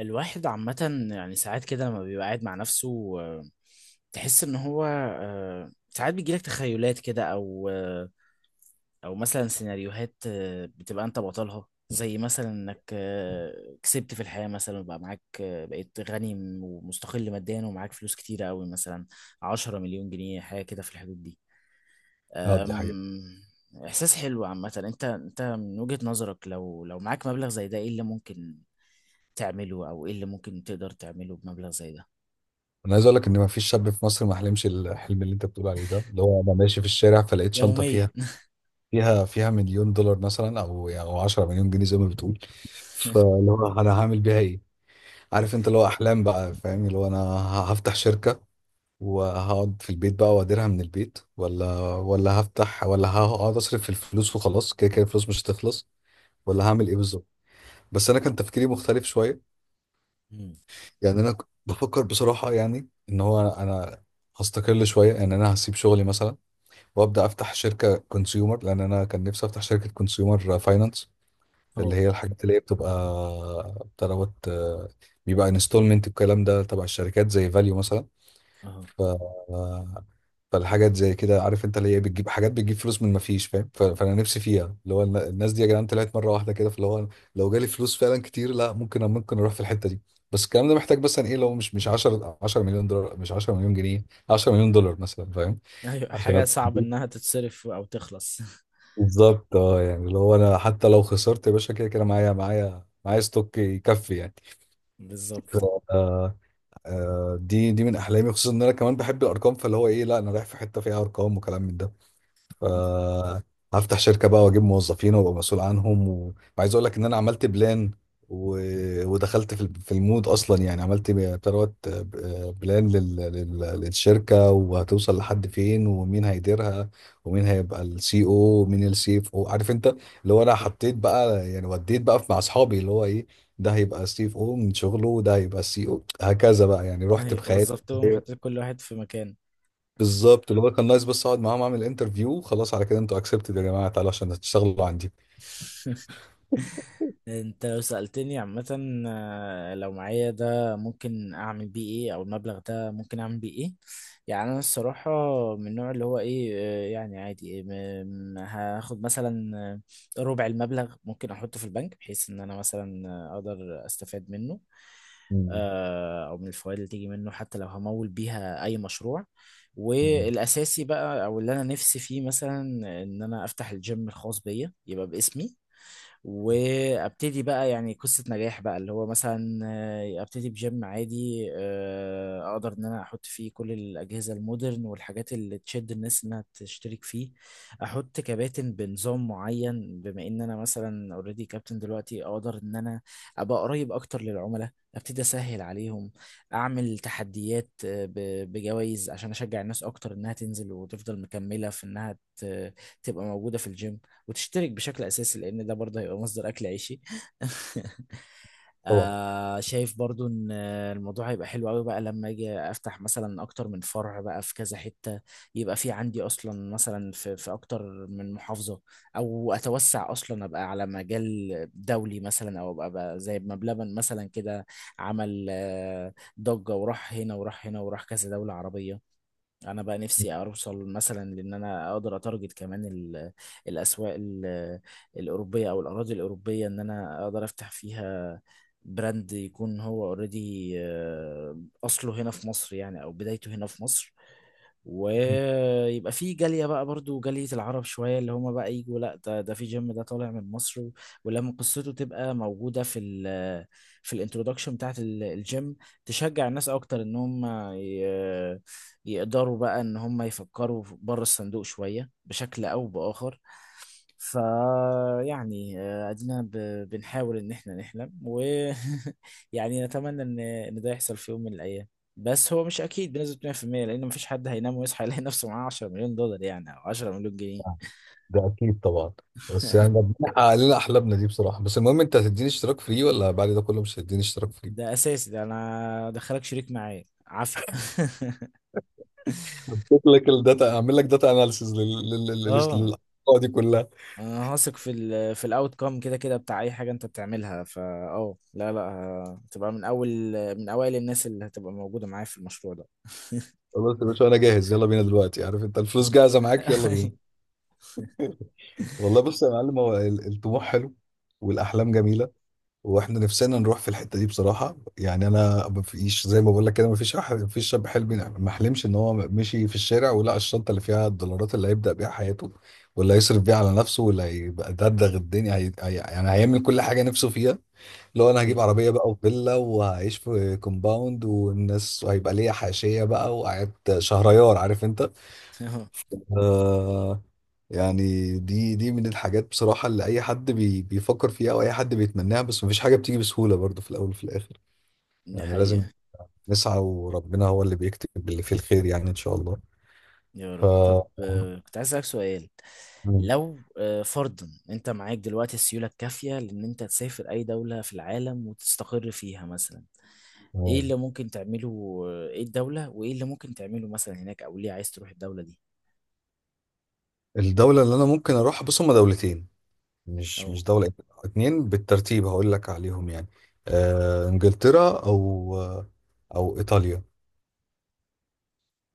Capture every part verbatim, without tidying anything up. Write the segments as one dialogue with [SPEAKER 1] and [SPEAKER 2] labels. [SPEAKER 1] الواحد عامة يعني ساعات كده لما بيبقى قاعد مع نفسه آه، تحس ان هو آه، ساعات بيجيلك تخيلات كده او آه، او مثلا سيناريوهات آه، بتبقى انت بطلها زي مثلا انك آه، كسبت في الحياة مثلا وبقى معاك آه، بقيت غني ومستقل ماديا ومعاك فلوس كتيرة قوي مثلا عشرة مليون جنيه حاجة كده في الحدود دي.
[SPEAKER 2] اه، دي حقيقة.
[SPEAKER 1] أم، إحساس حلو عامة. أنت أنت من وجهة نظرك لو لو معاك مبلغ زي ده إيه اللي ممكن تعمله او ايه اللي ممكن تقدر تعمله بمبلغ زي ده؟
[SPEAKER 2] انا عايز اقول لك ان ما فيش شاب في مصر ما حلمش الحلم اللي انت بتقول عليه ده، اللي هو انا ماشي في الشارع فلقيت شنطة
[SPEAKER 1] يوميا.
[SPEAKER 2] فيها فيها فيها مليون دولار مثلا، او يعني او 10 مليون جنيه زي ما بتقول. فاللي هو انا هعمل بيها ايه؟
[SPEAKER 1] أيوة.
[SPEAKER 2] عارف انت، اللي هو احلام بقى، فاهم، اللي هو انا ه- هفتح شركة، وهقعد في البيت بقى واديرها من البيت، ولا ولا هفتح، ولا هقعد اصرف في الفلوس وخلاص، كده كده الفلوس مش هتخلص، ولا هعمل ايه بالظبط. بس انا كان تفكيري مختلف شوية.
[SPEAKER 1] مم.
[SPEAKER 2] يعني انا ك- بفكر بصراحه، يعني ان هو انا أنا هستقل شويه، يعني انا هسيب شغلي مثلا وابدا افتح شركه كونسيومر، لان انا كان نفسي افتح شركه كونسيومر فاينانس، اللي
[SPEAKER 1] اهو،
[SPEAKER 2] هي الحاجات اللي هي بتبقى بتاع دوت، آه، بيبقى انستولمنت، الكلام ده تبع الشركات زي فاليو مثلا.
[SPEAKER 1] اهو.
[SPEAKER 2] ف... فالحاجات زي كده عارف انت، اللي هي بتجيب حاجات، بتجيب فلوس من ما فيش، فاهم. ف... فانا نفسي فيها، اللي هو الن- الناس دي يا جدعان طلعت مره واحده كده، فاللي هو لو جالي فلوس فعلا كتير، لا ممكن، ممكن اروح في الحته دي. بس الكلام ده محتاج مثلا ايه؟ لو مش مش 10 10 مليون دولار، مش 10 مليون جنيه، 10 مليون دولار مثلا، فاهم،
[SPEAKER 1] ايوه،
[SPEAKER 2] عشان
[SPEAKER 1] حاجة
[SPEAKER 2] ابقى
[SPEAKER 1] صعب انها تتصرف او تخلص.
[SPEAKER 2] بالظبط. اه يعني اللي هو انا حتى لو خسرت يا باشا، كده كده معايا، معايا معايا ستوك يكفي يعني. ف-
[SPEAKER 1] بالظبط.
[SPEAKER 2] آه، آه، دي دي من احلامي، خصوصا ان انا كمان بحب الارقام. فاللي هو ايه؟ لا انا رايح في حته فيها ارقام وكلام من ده، فهفتح شركة بقى واجيب موظفين وابقى مسؤول عنهم، و- وعايز اقول لك ان انا عملت بلان و... ودخلت في ال- في المود اصلا، يعني عملت بتروت بلان لل... لل... للشركة، وهتوصل لحد فين، ومين هيديرها، ومين هيبقى السي او، ومين السي اف او، عارف انت. اللي هو انا حطيت بقى يعني، وديت بقى مع اصحابي اللي هو ايه، ده هيبقى سي اف او من شغله، وده هيبقى سي او، هكذا بقى يعني، رحت
[SPEAKER 1] ايوه،
[SPEAKER 2] بخيالي.
[SPEAKER 1] وظفتهم وحطيت كل واحد في مكان.
[SPEAKER 2] بالظبط، اللي هو كان نايس، بس اقعد معاهم اعمل انترفيو خلاص، على كده انتوا اكسبتد يا جماعه، تعالوا عشان تشتغلوا عندي.
[SPEAKER 1] انت لو سألتني عامة آه، لو معايا ده ممكن اعمل بيه ايه او المبلغ ده ممكن اعمل بيه ايه؟ يعني انا الصراحة من النوع اللي هو ايه آه، يعني عادي، إيه، م- م- هاخد مثلا آه، ربع المبلغ ممكن احطه في البنك بحيث ان انا مثلا آه، اقدر استفاد منه
[SPEAKER 2] مم.
[SPEAKER 1] آه، او من الفوائد اللي تيجي منه، حتى لو همول بيها اي مشروع.
[SPEAKER 2] مم.
[SPEAKER 1] والاساسي بقى او اللي انا نفسي فيه مثلا ان انا افتح الجيم الخاص بيا يبقى باسمي، وابتدي بقى يعني قصة نجاح بقى اللي هو مثلا آه، ابتدي بجيم عادي آه، اقدر ان انا احط فيه كل الاجهزة المودرن والحاجات اللي تشد الناس انها تشترك فيه. احط كباتن بنظام معين، بما ان انا مثلا اوريدي كابتن دلوقتي اقدر ان انا ابقى قريب اكتر للعملاء، ابتدي اسهل عليهم، اعمل تحديات آه، ب- بجوائز عشان اشجع الناس اكتر انها تنزل وتفضل مكملة في انها ت- تبقى موجودة في الجيم وتشترك بشكل اساسي، لان ده برضه هيبقى مصدر اكل عيشي.
[SPEAKER 2] طبعا.
[SPEAKER 1] آه شايف برضه ان الموضوع هيبقى حلو قوي بقى لما اجي افتح مثلا اكتر من فرع بقى في كذا حتة، يبقى في عندي اصلا مثلا في في اكتر من محافظة، او اتوسع اصلا ابقى على مجال دولي مثلا، او ابقى بقى زي ما بلبن مثلا كده عمل آه، ضجة وراح هنا وراح هنا وراح كذا دولة عربية. انا بقى نفسي اوصل مثلا لان انا اقدر اتارجت كمان ال- الاسواق ال- الاوروبيه او الاراضي الاوروبيه، ان انا اقدر افتح فيها براند يكون هو اوريدي اصله هنا في مصر، يعني او بدايته هنا في مصر، ويبقى في جالية بقى، برضو جالية العرب شوية اللي هما بقى يجوا: لا، ده ده في جيم ده طالع من مصر. و- ولما قصته تبقى موجودة في ال في الانترودكشن بتاعت ال- الجيم، تشجع الناس أكتر إن هم ي- يقدروا بقى إن هم يفكروا بره الصندوق شوية بشكل أو بآخر. فيعني ادينا ب- بنحاول ان احنا نحلم ويعني نتمنى ان ان ده يحصل في يوم من الايام، بس هو مش اكيد بنسبه مية في المية لان مفيش حد هينام ويصحى يلاقي نفسه معاه عشرة مليون دولار يعني او عشرة مليون جنيه.
[SPEAKER 2] ده اكيد طبعا. بس يعني ربنا حقق لنا احلامنا دي بصراحه، بس المهم انت هتديني اشتراك فري ولا بعد ده كله مش هتديني اشتراك فري؟
[SPEAKER 1] ده اساسي، ده انا دخلك شريك معايا عافيه.
[SPEAKER 2] هديك لك الداتا، اعمل لك داتا اناليسيز
[SPEAKER 1] اه،
[SPEAKER 2] للحلقه دي كلها.
[SPEAKER 1] انا هثق في ال في الاوت كام، كده كده بتاع اي حاجه انت بتعملها. فا اه لا، لا، ه- هتبقى من اول من اوائل الناس اللي هتبقى موجوده معايا في المشروع ده.
[SPEAKER 2] خلاص يا باشا، انا جاهز، يلا بينا دلوقتي، عارف انت، الفلوس جاهزه معاك، يلا بينا. والله بص يا معلم، هو ال- الطموح حلو، والاحلام جميله، واحنا نفسنا نروح في الحته دي بصراحه. يعني انا مفيش زي ما بقول لك كده، مفيش أح- مفيش شاب حلم، ما حلمش ان هو مشي في الشارع ولقى الشنطه اللي فيها الدولارات اللي هيبدا بيها حياته، واللي هيصرف بيها على نفسه، واللي هيبقى دغدغ الدنيا هي... هي... يعني هيعمل كل حاجه نفسه فيها. لو انا هجيب
[SPEAKER 1] أيوة.
[SPEAKER 2] عربيه بقى، وفيلا، وهعيش في كومباوند والناس، وهيبقى ليا حاشيه بقى، وقعدت شهريار، عارف انت.
[SPEAKER 1] أه،
[SPEAKER 2] آه، يعني دي دي من الحاجات بصراحة، اللي أي حد بي بيفكر فيها، أو أي حد بيتمناها. بس مفيش حاجة بتيجي بسهولة برضو في الأول وفي الآخر.
[SPEAKER 1] دي
[SPEAKER 2] يعني لازم
[SPEAKER 1] حقيقه.
[SPEAKER 2] نسعى، وربنا هو اللي بيكتب اللي فيه الخير، يعني إن شاء الله.
[SPEAKER 1] يا
[SPEAKER 2] ف
[SPEAKER 1] رب. طب، اه آه، كنت عايز اسالك سؤال.
[SPEAKER 2] مم.
[SPEAKER 1] لو آه، فرضا انت معاك دلوقتي السيوله الكافيه لان انت تسافر اي دوله في العالم وتستقر فيها مثلا، ايه
[SPEAKER 2] مم.
[SPEAKER 1] اللي ممكن تعمله، آه، ايه الدوله وايه اللي ممكن تعمله مثلا هناك، او ليه عايز تروح الدوله دي؟
[SPEAKER 2] الدولة اللي أنا ممكن أروحها، بص، هما دولتين، مش
[SPEAKER 1] اه.
[SPEAKER 2] مش دولة إيه، اتنين، بالترتيب هقول لك عليهم يعني. آه، إنجلترا، أو أو إيطاليا.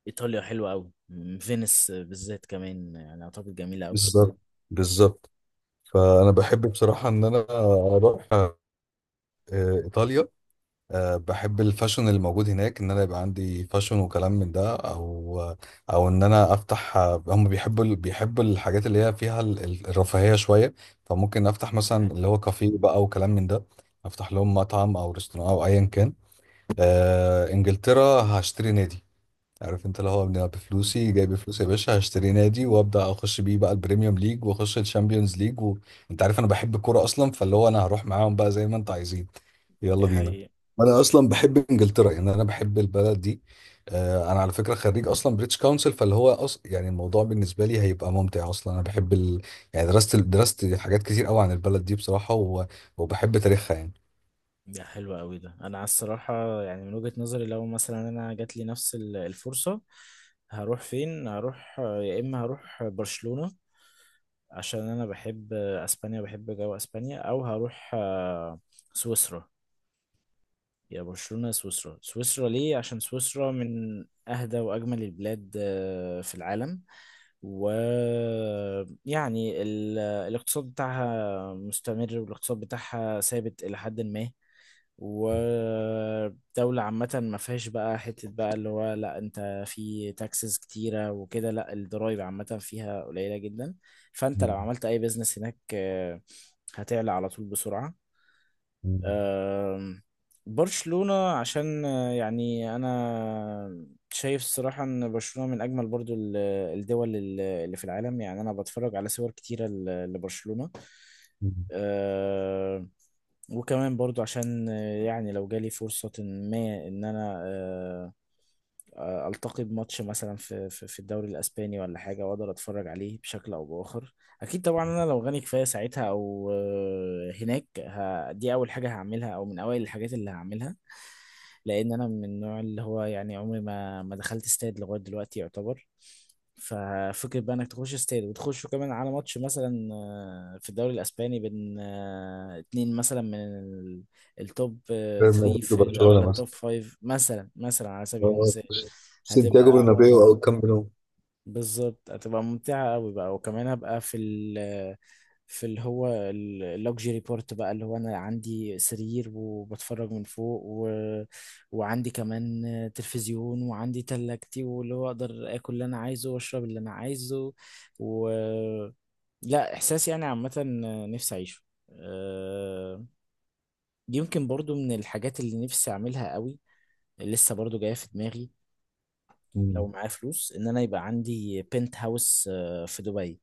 [SPEAKER 1] ايطاليا حلوه قوي، فينيس بالذات كمان، يعني اعتقد جميله قوي.
[SPEAKER 2] بالظبط. بالظبط. فأنا بحب بصراحة إن أنا أروح آه، إيطاليا. أه بحب الفاشن اللي موجود هناك، ان انا يبقى عندي فاشن وكلام من ده، او او ان انا افتح. هم بيحبوا ال- بيحبوا الحاجات اللي هي فيها ال- ال- الرفاهية شوية، فممكن افتح مثلا اللي هو كافيه بقى وكلام من ده، افتح لهم مطعم او رestaurant او ايا كان. أه انجلترا هشتري نادي، عارف انت، اللي هو انا بفلوسي جايب فلوس يا باشا، هشتري نادي وابدا اخش بيه بقى البريميوم ليج، واخش الشامبيونز ليج، وانت عارف انا بحب الكوره اصلا، فاللي هو انا هروح معاهم بقى زي ما انتوا عايزين،
[SPEAKER 1] دي
[SPEAKER 2] يلا بينا.
[SPEAKER 1] حقيقة.
[SPEAKER 2] انا اصلا بحب انجلترا، يعني انا بحب البلد دي. آه، انا على فكره خريج اصلا بريتش كونسل، فاللي هو أص... يعني الموضوع بالنسبه لي هيبقى ممتع اصلا، انا بحب ال... يعني درست درست حاجات كتير قوي عن البلد دي بصراحه، و... وبحب تاريخها يعني.
[SPEAKER 1] ده حلو قوي. ده انا على الصراحه، يعني من وجهه نظري لو مثلا انا جات لي نفس ال- الفرصه هروح فين؟ هروح يا اما هروح برشلونه عشان انا بحب اسبانيا، بحب جو اسبانيا، او هروح آه، سويسرا. يا برشلونه يا سويسرا. سويسرا ليه؟ عشان سويسرا من اهدى واجمل البلاد آه، في العالم، ويعني الاقتصاد بتاعها مستمر والاقتصاد بتاعها ثابت إلى حد ما، ودولة عامة ما فيهاش بقى حتة بقى اللي هو لا انت في تاكسز كتيرة وكده، لا الضرايب عامة فيها قليلة جدا. فانت لو
[SPEAKER 2] مم.
[SPEAKER 1] عملت اي بيزنس هناك آه، هتعلى على طول بسرعة.
[SPEAKER 2] مم.
[SPEAKER 1] آم، برشلونة عشان آه، يعني أنا شايف الصراحة إن برشلونة من أجمل برضو ال- الدول ال- اللي في العالم، يعني أنا بتفرج على صور كتيرة ل- لبرشلونة.
[SPEAKER 2] مم.
[SPEAKER 1] آه، وكمان برضو عشان آه، يعني لو جالي فرصة ما إن أنا آه، آه، التقي بماتش مثلا في في في الدوري الاسباني ولا حاجه، واقدر اتفرج عليه بشكل او باخر. اكيد طبعا انا لو غني كفايه ساعتها او آه، هناك، ه- دي اول حاجه هعملها او من اوائل الحاجات اللي هعملها، لان انا من النوع اللي هو، يعني عمري ما ما دخلت استاد لغايه دلوقتي يعتبر. ففكرة بقى انك تخش استاد وتخش كمان على ماتش مثلا آه، في الدوري الاسباني بين آه، اتنين مثلا من التوب
[SPEAKER 2] ريال
[SPEAKER 1] ثلاثة
[SPEAKER 2] مدريد
[SPEAKER 1] في او
[SPEAKER 2] وبرشلونه.
[SPEAKER 1] التوب خمسة مثلا مثلا على سبيل
[SPEAKER 2] آه،
[SPEAKER 1] المثال،
[SPEAKER 2] سانتياغو
[SPEAKER 1] هتبقى
[SPEAKER 2] برنابيو او
[SPEAKER 1] متعة.
[SPEAKER 2] الكامب نو.
[SPEAKER 1] بالظبط، هتبقى ممتعة قوي بقى. وكمان هبقى في ال في اللي هو اللوكجري بورت بقى، اللي هو انا عندي سرير وبتفرج من فوق، و... وعندي كمان تلفزيون وعندي تلاجتي، واللي هو اقدر اكل اللي انا عايزه واشرب اللي انا عايزه. و لا، احساس يعني عامة نفسي اعيشه. آه، يمكن برضو من الحاجات اللي نفسي اعملها قوي لسه برضو جاية في دماغي، لو
[SPEAKER 2] مم.
[SPEAKER 1] معايا فلوس، ان انا يبقى عندي بنت هاوس آه، في دبي،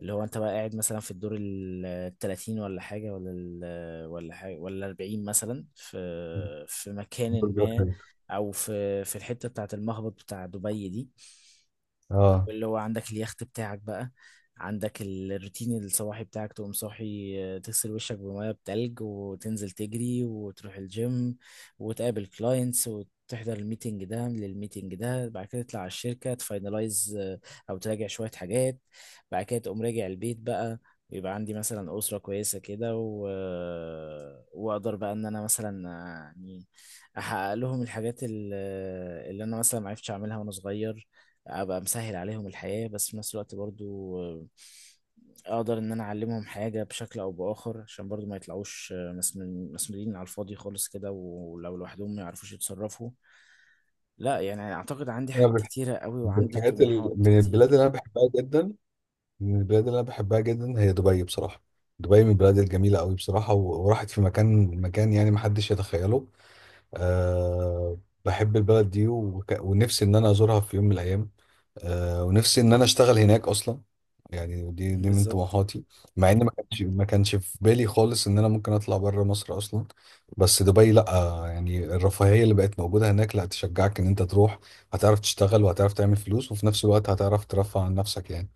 [SPEAKER 1] اللي هو انت بقى قاعد مثلا في الدور ال ثلاثين ولا حاجة ولا ال ولا حاجة ولا اربعين مثلا في في مكان
[SPEAKER 2] برجر
[SPEAKER 1] ما،
[SPEAKER 2] خليفة.
[SPEAKER 1] او في في الحتة بتاعة المهبط بتاع دبي دي،
[SPEAKER 2] اه،
[SPEAKER 1] واللي هو عندك اليخت بتاعك بقى، عندك ال- الروتين الصباحي بتاعك تقوم صاحي آه، تغسل وشك بميه بتلج وتنزل تجري وتروح الجيم وتقابل كلاينتس وتحضر الميتنج ده للميتنج ده، بعد كده تطلع على الشركة تفاينلايز أو تراجع شوية حاجات، بعد كده تقوم راجع البيت بقى، ويبقى عندي مثلا أسرة كويسة كده، و... آه، وأقدر بقى إن أنا مثلا آه، يعني أحقق لهم الحاجات ال- آه، اللي أنا مثلا معرفتش أعملها وأنا صغير، ابقى مسهل عليهم الحياة، بس في نفس الوقت برضو آه، اقدر ان انا اعلمهم حاجة بشكل او باخر عشان برضو ما يطلعوش آه، مسن- مسنودين على الفاضي خالص كده، ولو لوحدهم ما يعرفوش يتصرفوا. لا، يعني اعتقد عندي
[SPEAKER 2] انا
[SPEAKER 1] حاجات
[SPEAKER 2] بح-
[SPEAKER 1] كتيرة قوي
[SPEAKER 2] من
[SPEAKER 1] وعندي
[SPEAKER 2] الحاجات ال...
[SPEAKER 1] طموحات
[SPEAKER 2] من البلاد اللي
[SPEAKER 1] كتير.
[SPEAKER 2] انا بحبها جدا، من البلاد اللي انا بحبها جدا هي دبي بصراحه. دبي من البلاد الجميله قوي بصراحه، و... وراحت في مكان مكان، يعني ما حدش يتخيله. أه... بحب البلد دي، وك... ونفسي ان انا ازورها في يوم من الايام. آه، ونفسي ان انا اشتغل هناك اصلا، يعني دي دي من
[SPEAKER 1] بالظبط.
[SPEAKER 2] طموحاتي. مع ان ما كانش ما كانش في بالي خالص ان انا ممكن اطلع بره مصر اصلا، بس دبي لا. يعني الرفاهية اللي بقت موجودة هناك لا تشجعك ان انت تروح، هتعرف تشتغل وهتعرف تعمل فلوس وفي نفس الوقت هتعرف ترفع عن نفسك يعني،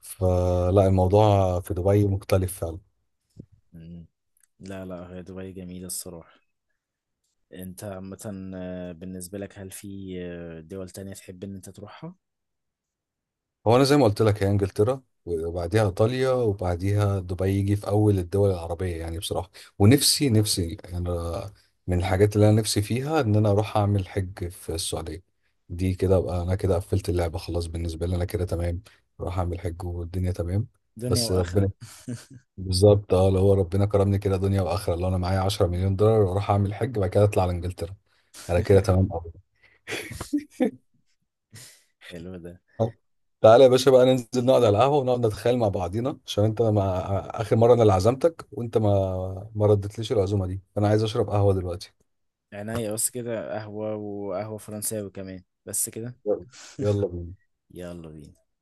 [SPEAKER 2] فلا الموضوع في دبي مختلف فعلا.
[SPEAKER 1] مم. لا، لا، هي دبي جميلة الصراحة. انت عامة آه، بالنسبة لك هل في آه، دول تانية تحب ان انت تروحها؟
[SPEAKER 2] هو انا زي ما قلت لك، هي انجلترا وبعديها ايطاليا، وبعديها دبي يجي في اول الدول العربيه يعني بصراحه. ونفسي نفسي يعني، من الحاجات اللي انا نفسي فيها ان انا اروح اعمل حج في السعوديه. دي كده ابقى انا كده قفلت اللعبه خلاص، بالنسبه لي انا كده تمام، اروح اعمل حج والدنيا تمام.
[SPEAKER 1] دنيا
[SPEAKER 2] بس
[SPEAKER 1] واخرة.
[SPEAKER 2] ربنا، بالظبط، اه لو هو ربنا كرمني كده دنيا واخره، لو انا معايا 10 مليون دولار واروح اعمل حج، بعد كده اطلع على انجلترا، انا كده تمام.
[SPEAKER 1] حلو ده.
[SPEAKER 2] تعالى يا باشا بقى ننزل نقعد على القهوة، ونقعد نتخيل مع بعضينا، عشان انت ما آخر مرة انا اللي عزمتك وانت ما ما ردتليش العزومة دي، فانا عايز اشرب قهوة دلوقتي.
[SPEAKER 1] عناية بس كده، قهوة، وقهوة فرنساوي كمان بس كده.
[SPEAKER 2] يلا، يلا بينا.
[SPEAKER 1] يلا بينا.